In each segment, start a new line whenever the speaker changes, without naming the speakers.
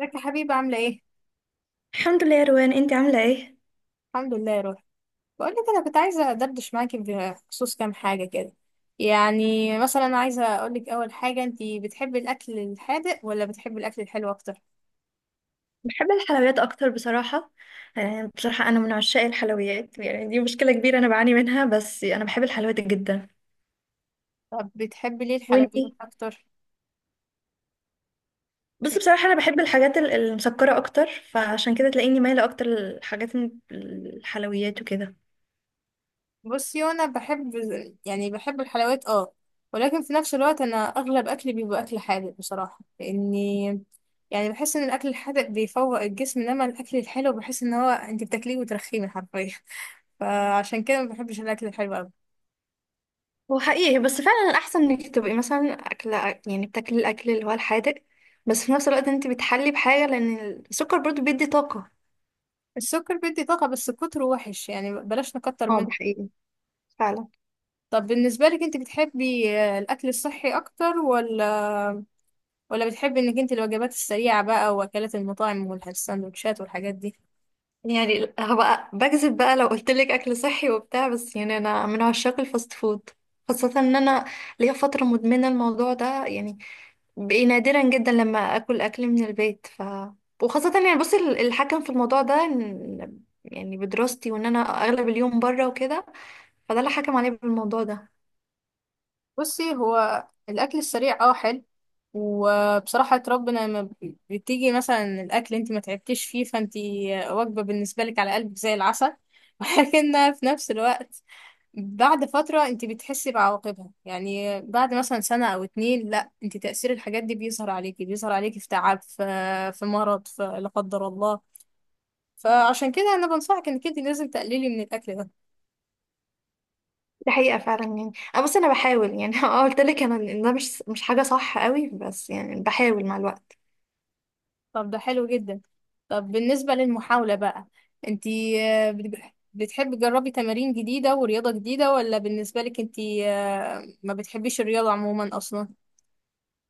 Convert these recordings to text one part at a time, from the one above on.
ازيك يا حبيبي عاملة ايه؟
الحمد لله يا روان، انت عامله ايه؟
الحمد لله يا روحي. بقول لك انا كنت عايزة ادردش معاكي بخصوص كام حاجة كده. يعني مثلا عايزة اقول لك اول حاجة، انتي بتحبي الاكل الحادق ولا بتحبي الاكل الحلو اكتر؟
بحب الحلويات اكتر بصراحه. يعني بصراحه انا من عشاق الحلويات، يعني دي مشكله كبيره انا بعاني منها، بس انا بحب الحلويات جدا.
طب بتحبي ليه الحلويات
وانتي؟
اكتر؟
بص،
يعني
بصراحه انا بحب الحاجات المسكره اكتر. فعشان كده تلاقيني مايله اكتر للحاجات الحلويات وكده.
بصي انا بحب يعني بحب الحلويات اه، ولكن في نفس الوقت انا اغلب اكلي بيبقى اكل حادق بصراحة لاني يعني بحس ان الاكل الحادق بيفوق الجسم، انما الاكل الحلو بحس ان هو انتي بتاكليه وترخيه حرفيا. فعشان كده ما بحبش الاكل الحلو قوي.
هو حقيقي، بس فعلا الأحسن إنك تبقي مثلا أكلة، يعني بتاكلي الأكل اللي هو الحادق، بس في نفس الوقت أنت بتحلي بحاجة، لأن السكر برضو بيدي طاقة.
السكر بيدي طاقة بس كتره وحش، يعني بلاش نكتر
اه،
منه.
ده حقيقي فعلا.
طب بالنسبة لك انت بتحبي الأكل الصحي أكتر، ولا بتحبي انك انت الوجبات السريعة بقى وأكلات المطاعم والسندوتشات والحاجات دي؟
يعني هبقى بكذب بقى لو قلت لك اكل صحي وبتاع، بس يعني انا من عشاق الفاست فود. خاصة ان انا ليا فترة مدمنة الموضوع ده، يعني بقي نادرا جدا لما اكل اكل من البيت. وخاصة يعني بصي الحكم في الموضوع ده يعني بدراستي وان انا اغلب اليوم بره وكده، فده اللي حكم عليا بالموضوع ده.
بصي هو الأكل السريع اه حلو، وبصراحة ربنا لما بتيجي مثلا الأكل انت ما تعبتيش فيه، فانت وجبة بالنسبة لك على قلبك زي العسل، ولكن في نفس الوقت بعد فترة انت بتحسي بعواقبها، يعني بعد مثلا سنة او اتنين لا انت تأثير الحاجات دي بيظهر عليكي في تعب، في مرض، في لا قدر الله. فعشان كده انا بنصحك انك انت لازم تقللي من الاكل ده.
دي حقيقة فعلا، يعني انا بصي انا بحاول يعني اه، قلت لك انا إن ده مش حاجة صح قوي، بس يعني بحاول مع الوقت.
طب ده حلو جدا. طب بالنسبة للمحاولة بقى، انت آه، بت- بتحبي تجربي تمارين جديدة ورياضة جديدة، ولا بالنسبة لك انت ما بتحبيش الرياضة عموما اصلا؟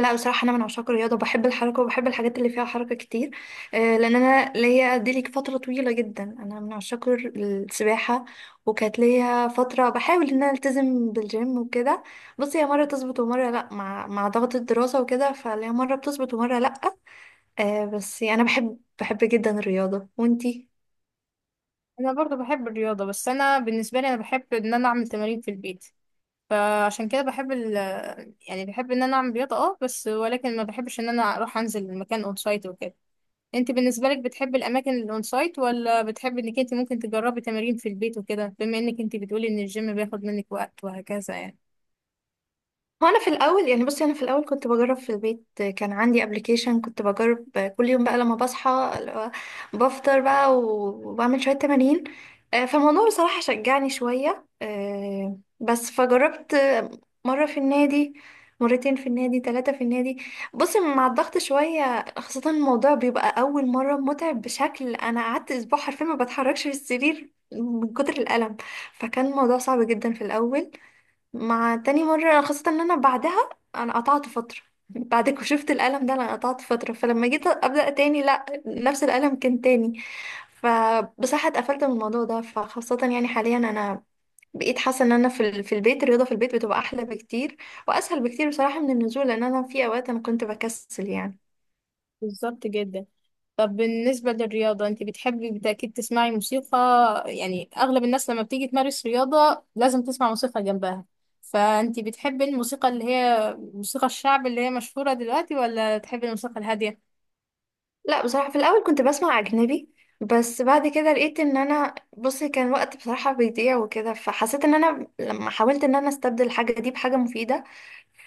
لا، بصراحة أنا من عشاق الرياضة، وبحب الحركة وبحب الحاجات اللي فيها حركة كتير. لأن أنا ليا دي ليك فترة طويلة جدا أنا من عشاق السباحة. وكانت ليا فترة بحاول إن أنا ألتزم بالجيم وكده. بصي هي مرة تظبط ومرة لأ، مع ضغط الدراسة وكده، فليا مرة بتظبط ومرة لأ. بس أنا بحب جدا الرياضة. وأنتي؟
انا برضو بحب الرياضة، بس انا بالنسبة لي انا بحب ان انا اعمل تمارين في البيت. فعشان كده بحب يعني بحب ان انا اعمل رياضة اه، بس ولكن ما بحبش ان انا اروح انزل المكان اون سايت وكده. انت بالنسبة لك بتحب الاماكن الاون سايت، ولا بتحب انك انت ممكن تجربي تمارين في البيت وكده، بما انك انت بتقولي ان الجيم بياخد منك وقت وهكذا يعني؟
هو انا في الاول يعني بصي انا في الاول كنت بجرب في البيت، كان عندي ابلكيشن كنت بجرب كل يوم بقى لما بصحى، اللي هو بفطر بقى وبعمل شويه تمارين. فالموضوع بصراحه شجعني شويه. بس فجربت مره في النادي، مرتين في النادي، ثلاثه في النادي. بصي مع الضغط شويه، خاصه الموضوع بيبقى اول مره متعب بشكل، انا قعدت اسبوع حرفيا ما بتحركش في السرير من كتر الالم. فكان الموضوع صعب جدا في الاول. مع تاني مرة خاصة ان انا بعدها انا قطعت فترة بعد ما شفت الألم ده انا قطعت فترة، فلما جيت أبدأ تاني لا نفس الألم كان تاني. فبصراحة اتقفلت من الموضوع ده، فخاصة يعني حاليا انا بقيت حاسة ان انا في في البيت الرياضة في البيت بتبقى احلى بكتير، واسهل بكتير بصراحة من النزول، لان انا في اوقات انا كنت بكسل يعني.
بالظبط جدا. طب بالنسبة للرياضة، انت بتحبي بالتأكيد تسمعي موسيقى، يعني اغلب الناس لما بتيجي تمارس رياضة لازم تسمع موسيقى جنبها. فانت بتحبي الموسيقى اللي هي موسيقى الشعب اللي هي مشهورة دلوقتي، ولا تحبي الموسيقى الهادية؟
لا بصراحة، في الاول كنت بسمع اجنبي. بس بعد كده لقيت ان انا بصي كان وقت بصراحة بيضيع وكده، فحسيت ان انا لما حاولت ان انا استبدل الحاجة دي بحاجة مفيدة.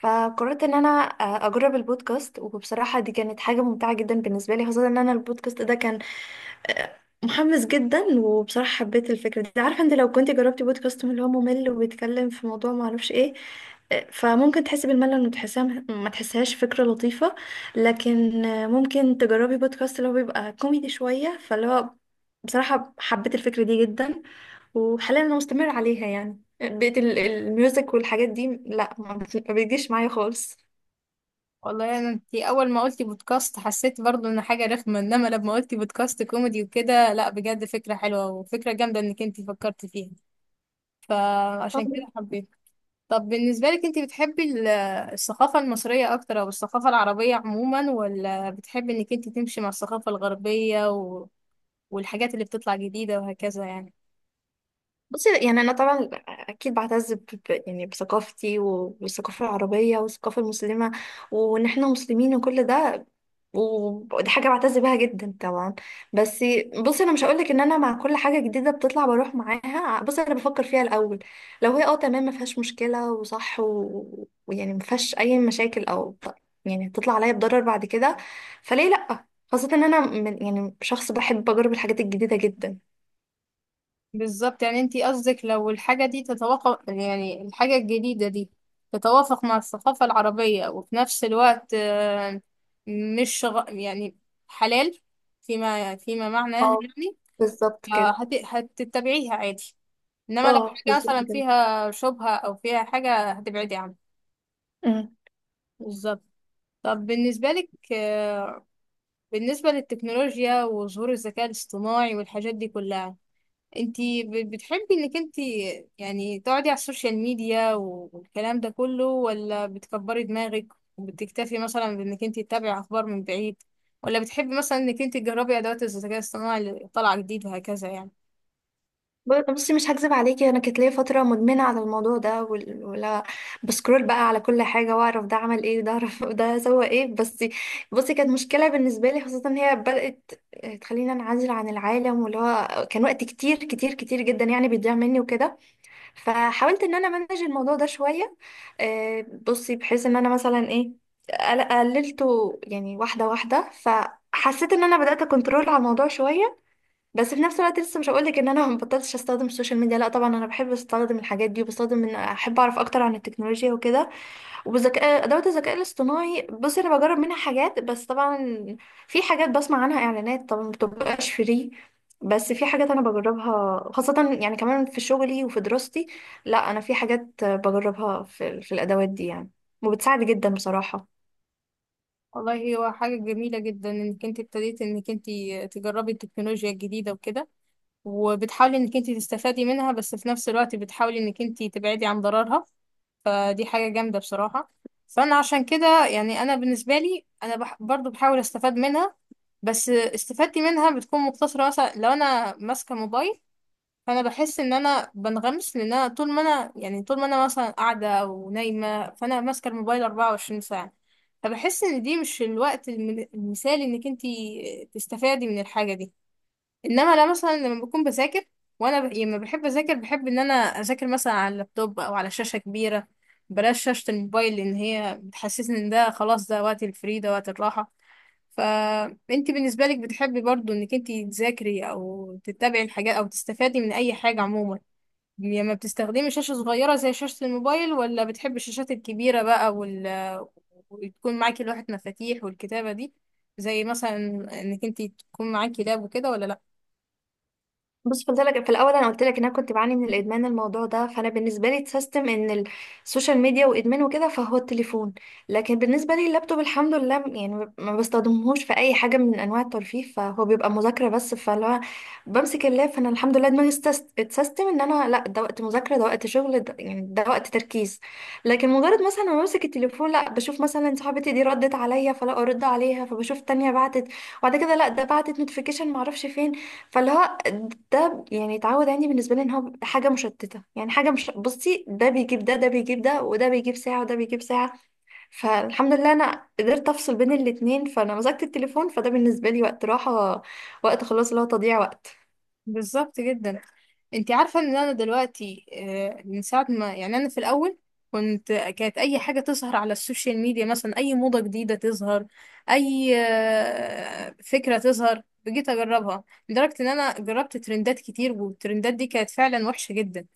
فقررت ان انا اجرب البودكاست، وبصراحة دي كانت حاجة ممتعة جدا بالنسبة لي. خاصة ان انا البودكاست ده كان آه، محمس جدا، وبصراحة حبيت الفكرة دي. عارفة انت لو كنت جربتي بودكاست من اللي هو ممل وبيتكلم في موضوع معرفش ايه، فممكن تحسي بالملل وتحسها ما تحسهاش فكرة لطيفة. لكن ممكن تجربي بودكاست اللي هو بيبقى كوميدي شوية، فاللي هو بصراحة حبيت الفكرة دي جدا. وحاليا انا مستمرة عليها، يعني بقيت الميوزك والحاجات دي لا ما بيجيش معايا خالص.
والله انا، انت اول ما قلتي بودكاست حسيت برضو ان حاجه رخمه، انما لما قلتي بودكاست كوميدي وكده، لا بجد فكره حلوه وفكره جامده انك انت فكرتي فيها. فعشان كده حبيت. طب بالنسبه لك، انت بتحبي الثقافه المصريه اكتر، او الثقافه العربيه عموما، ولا بتحبي انك انت تمشي مع الثقافه الغربيه والحاجات اللي بتطلع جديده وهكذا يعني؟
بصي يعني انا طبعا اكيد بعتز يعني بثقافتي والثقافه العربيه والثقافه المسلمه. وان احنا مسلمين وكل ده، ودي حاجه بعتز بيها جدا طبعا. بس بصي انا مش هقولك ان انا مع كل حاجه جديده بتطلع بروح معاها، بصي انا بفكر فيها الاول. لو هي تمام ما فيهاش مشكله وصح ويعني ما فيهاش اي مشاكل، او يعني هتطلع عليا بضرر بعد كده، فليه لا. خاصه ان انا من يعني شخص بحب اجرب الحاجات الجديده جدا.
بالظبط، يعني انتي قصدك لو الحاجة دي تتوافق، يعني الحاجة الجديدة دي تتوافق مع الثقافة العربية، وفي نفس الوقت مش يعني حلال، فيما معناه
اه،
يعني.
بالظبط كده.
هتتبعيها عادي، انما لو
اه،
حاجة
بالظبط
مثلا
كده.
فيها شبهة او فيها حاجة هتبعدي عنها.
أمم.
بالظبط. طب بالنسبة لك بالنسبة للتكنولوجيا وظهور الذكاء الاصطناعي والحاجات دي كلها، انتي بتحبي انك انتي يعني تقعدي على السوشيال ميديا والكلام ده كله، ولا بتكبري دماغك وبتكتفي مثلا بانك انتي تتابعي اخبار من بعيد، ولا بتحبي مثلا انك انتي تجربي ادوات الذكاء الصناعي اللي طالعة جديد وهكذا يعني؟
بصي مش هكذب عليكي، انا كانت ليا فتره مدمنه على الموضوع ده، ولا بسكرول بقى على كل حاجه واعرف ده عمل ايه، ده اعرف ده سوى ايه، بس بصي كانت مشكله بالنسبه لي، خاصه ان هي بدات تخليني انعزل عن العالم، واللي هو كان وقت كتير كتير كتير جدا يعني بيضيع مني وكده. فحاولت ان انا امانج الموضوع ده شويه. بصي بحيث ان انا مثلا ايه قللته يعني واحده واحده، فحسيت ان انا بدات اكنترول على الموضوع شويه. بس في نفس الوقت لسه مش هقولك ان انا ما بطلتش استخدم السوشيال ميديا، لا طبعا انا بحب استخدم الحاجات دي، وبستخدم ان احب اعرف اكتر عن التكنولوجيا وكده. وبذكاء ادوات الذكاء الاصطناعي، بصي انا بجرب منها حاجات، بس طبعا في حاجات بسمع عنها اعلانات طبعا ما بتبقاش فري. بس في حاجات انا بجربها، خاصة يعني كمان في شغلي وفي دراستي. لا انا في حاجات بجربها، في الادوات دي يعني، وبتساعد جدا بصراحة.
والله هو حاجة جميلة جدا انك انتي ابتديتي انك انتي تجربي التكنولوجيا الجديدة وكده وبتحاولي انك انتي تستفادي منها، بس في نفس الوقت بتحاولي انك انتي تبعدي عن ضررها. فدي حاجة جامدة بصراحة. فأنا عشان كده يعني أنا بالنسبة لي أنا برضو بحاول أستفاد منها. بس استفادتي منها بتكون مقتصرة، مثلا لو أنا ماسكة موبايل فأنا بحس إن أنا بنغمس، لأن أنا طول ما أنا مثلا قاعدة أو نايمة فأنا ماسكة الموبايل 24 ساعة. فبحس إن دي مش الوقت المثالي إنك انتي تستفادي من الحاجة دي. انما لا، مثلا لما بكون بذاكر، وانا يعني لما بحب اذاكر بحب ان انا اذاكر مثلا على اللابتوب او على شاشه كبيره. بلاش شاشه الموبايل، لان هي بتحسسني ان ده خلاص ده وقت الفري ده وقت الراحه. فانت بالنسبه لك بتحبي برضو انك انت تذاكري او تتابعي الحاجات او تستفادي من اي حاجه عموما لما بتستخدمي شاشه صغيره زي شاشه الموبايل، ولا بتحبي الشاشات الكبيره بقى وتكون معاكي لوحه مفاتيح والكتابه دي، زي مثلا انك انت تكون معاكي لاب وكده، ولا لا؟
بص، قلت لك في الاول، انا قلت لك ان انا كنت بعاني من الادمان الموضوع ده، فانا بالنسبه لي اتسيستم ان السوشيال ميديا وادمان وكده، فهو التليفون. لكن بالنسبه لي اللابتوب الحمد لله، يعني ما بستخدمهوش في اي حاجه من انواع الترفيه، فهو بيبقى مذاكره بس، فاللي هو بمسك اللاب فانا الحمد لله دماغي اتسيستم ان انا لا ده وقت مذاكره، ده وقت شغل، ده يعني ده وقت تركيز. لكن مجرد مثلا ما بمسك التليفون، لا بشوف مثلا صاحبتي دي ردت عليا فلا ارد عليها، فبشوف تانية بعتت، وبعد كده لا ده بعتت نوتيفيكيشن معرفش فين، فاللي هو ده يعني اتعود عندي بالنسبه لي ان هو حاجه مشتته. يعني حاجه مش بصي ده بيجيب ده بيجيب ده، وده بيجيب ساعه، وده بيجيب ساعه. فالحمد لله انا قدرت افصل بين الاتنين، فانا مسكت التليفون فده بالنسبه لي وقت راحه، وقت خلاص اللي هو تضييع وقت.
بالظبط جدا. انت عارفه ان انا دلوقتي من ساعه ما، يعني انا في الاول كانت اي حاجه تظهر على السوشيال ميديا مثلا اي موضه جديده تظهر، اي فكره تظهر بجيت اجربها. لدرجه ان انا جربت ترندات كتير، والترندات دي كانت فعلا وحشه جدا.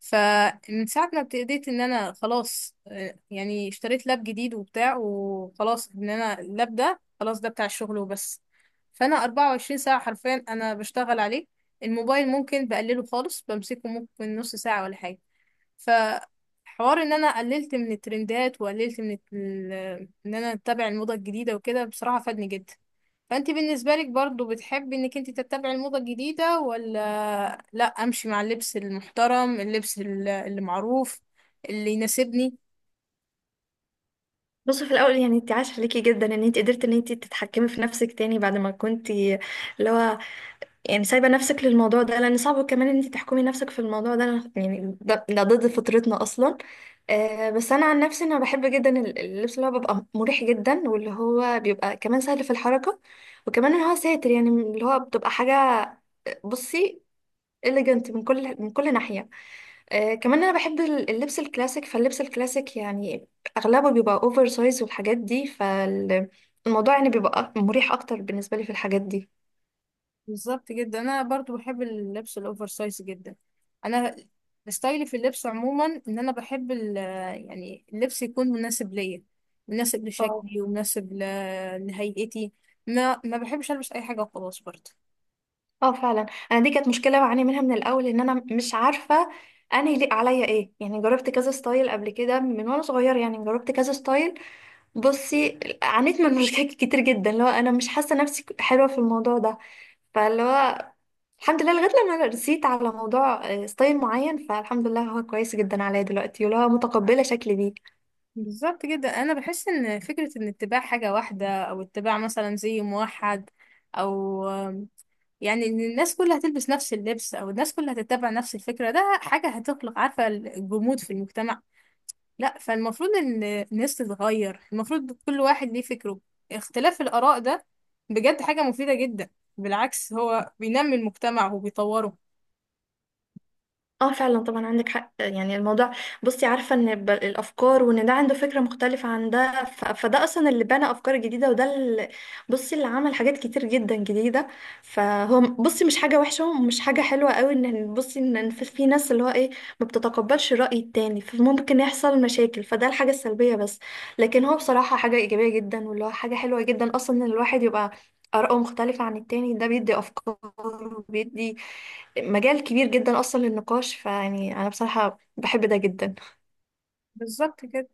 فمن ساعة ما ابتديت ان انا خلاص يعني اشتريت لاب جديد وبتاع، وخلاص ان انا اللاب ده خلاص ده بتاع الشغل وبس. فانا 24 ساعة حرفيا انا بشتغل عليه. الموبايل ممكن بقلله خالص، بمسكه ممكن نص ساعة ولا حاجة. فحوار ان انا قللت من الترندات وقللت من ان انا اتبع الموضة الجديدة وكده بصراحة فادني جدا. فانت بالنسبة لك برضو بتحبي انك انت تتبعي الموضة الجديدة، ولا لا، امشي مع اللبس المحترم، اللبس اللي معروف اللي يناسبني؟
بصي في الاول يعني، انت عاش عليكي جدا ان انت قدرتي ان انت تتحكمي في نفسك تاني بعد ما كنتي اللي هو يعني سايبة نفسك للموضوع ده، لأن صعب كمان إن انت تحكمي نفسك في الموضوع ده، أنا يعني ده ضد فطرتنا أصلا. بس أنا عن نفسي أنا بحب جدا اللبس اللي هو بيبقى مريح جدا، واللي هو بيبقى كمان سهل في الحركة، وكمان إن هو ساتر، يعني اللي هو بتبقى حاجة بصي إليجنت من كل ناحية. كمان أنا بحب اللبس الكلاسيك، فاللبس الكلاسيك يعني أغلبه بيبقى أوفر سايز والحاجات دي، فالموضوع يعني بيبقى مريح أكتر بالنسبة لي في الحاجات دي.
بالظبط جدا، انا برضو بحب اللبس الاوفر سايز جدا. انا ستايلي في اللبس عموما ان انا بحب يعني اللبس يكون مناسب ليا، مناسب لشكلي ومناسب لهيئتي. ما بحبش البس اي حاجة وخلاص برضو.
اه فعلا. انا دي كانت مشكله بعاني منها من الاول، ان انا مش عارفه انا يليق عليا ايه، يعني جربت كذا ستايل قبل كده من وانا صغيره، يعني جربت كذا ستايل. بصي عانيت من مشاكل كتير جدا اللي هو انا مش حاسه نفسي حلوه في الموضوع ده، فاللي هو الحمد لله لغايه لما أنا رسيت على موضوع ستايل معين، فالحمد لله هو كويس جدا عليا دلوقتي واللي هو متقبله شكلي بيه.
بالظبط جدا. انا بحس ان فكره ان اتباع حاجه واحده، او اتباع مثلا زي موحد، او يعني ان الناس كلها هتلبس نفس اللبس، او الناس كلها هتتبع نفس الفكره، ده حاجه هتخلق عارفه الجمود في المجتمع. لا، فالمفروض ان الناس تتغير، المفروض كل واحد ليه فكره. اختلاف الاراء ده بجد حاجه مفيده جدا، بالعكس هو بينمي المجتمع وبيطوره.
اه فعلا، طبعا عندك حق. يعني الموضوع بصي عارفة ان الافكار، وان ده عنده فكرة مختلفة عن ده، فده اصلا اللي بنى افكار جديدة، وده اللي بصي اللي عمل حاجات كتير جدا جديدة. فهو بصي مش حاجة وحشة ومش حاجة حلوة قوي ان بصي إن في ناس اللي هو ايه ما بتتقبلش الرأي التاني فممكن يحصل مشاكل، فده الحاجة السلبية بس. لكن هو بصراحة حاجة ايجابية جدا، واللي هو حاجة حلوة جدا اصلا ان الواحد يبقى آراءه مختلفة عن التاني، ده بيدي أفكار وبيدي مجال كبير جدا اصلا للنقاش، فيعني انا بصراحة بحب ده جدا.
بالظبط كده.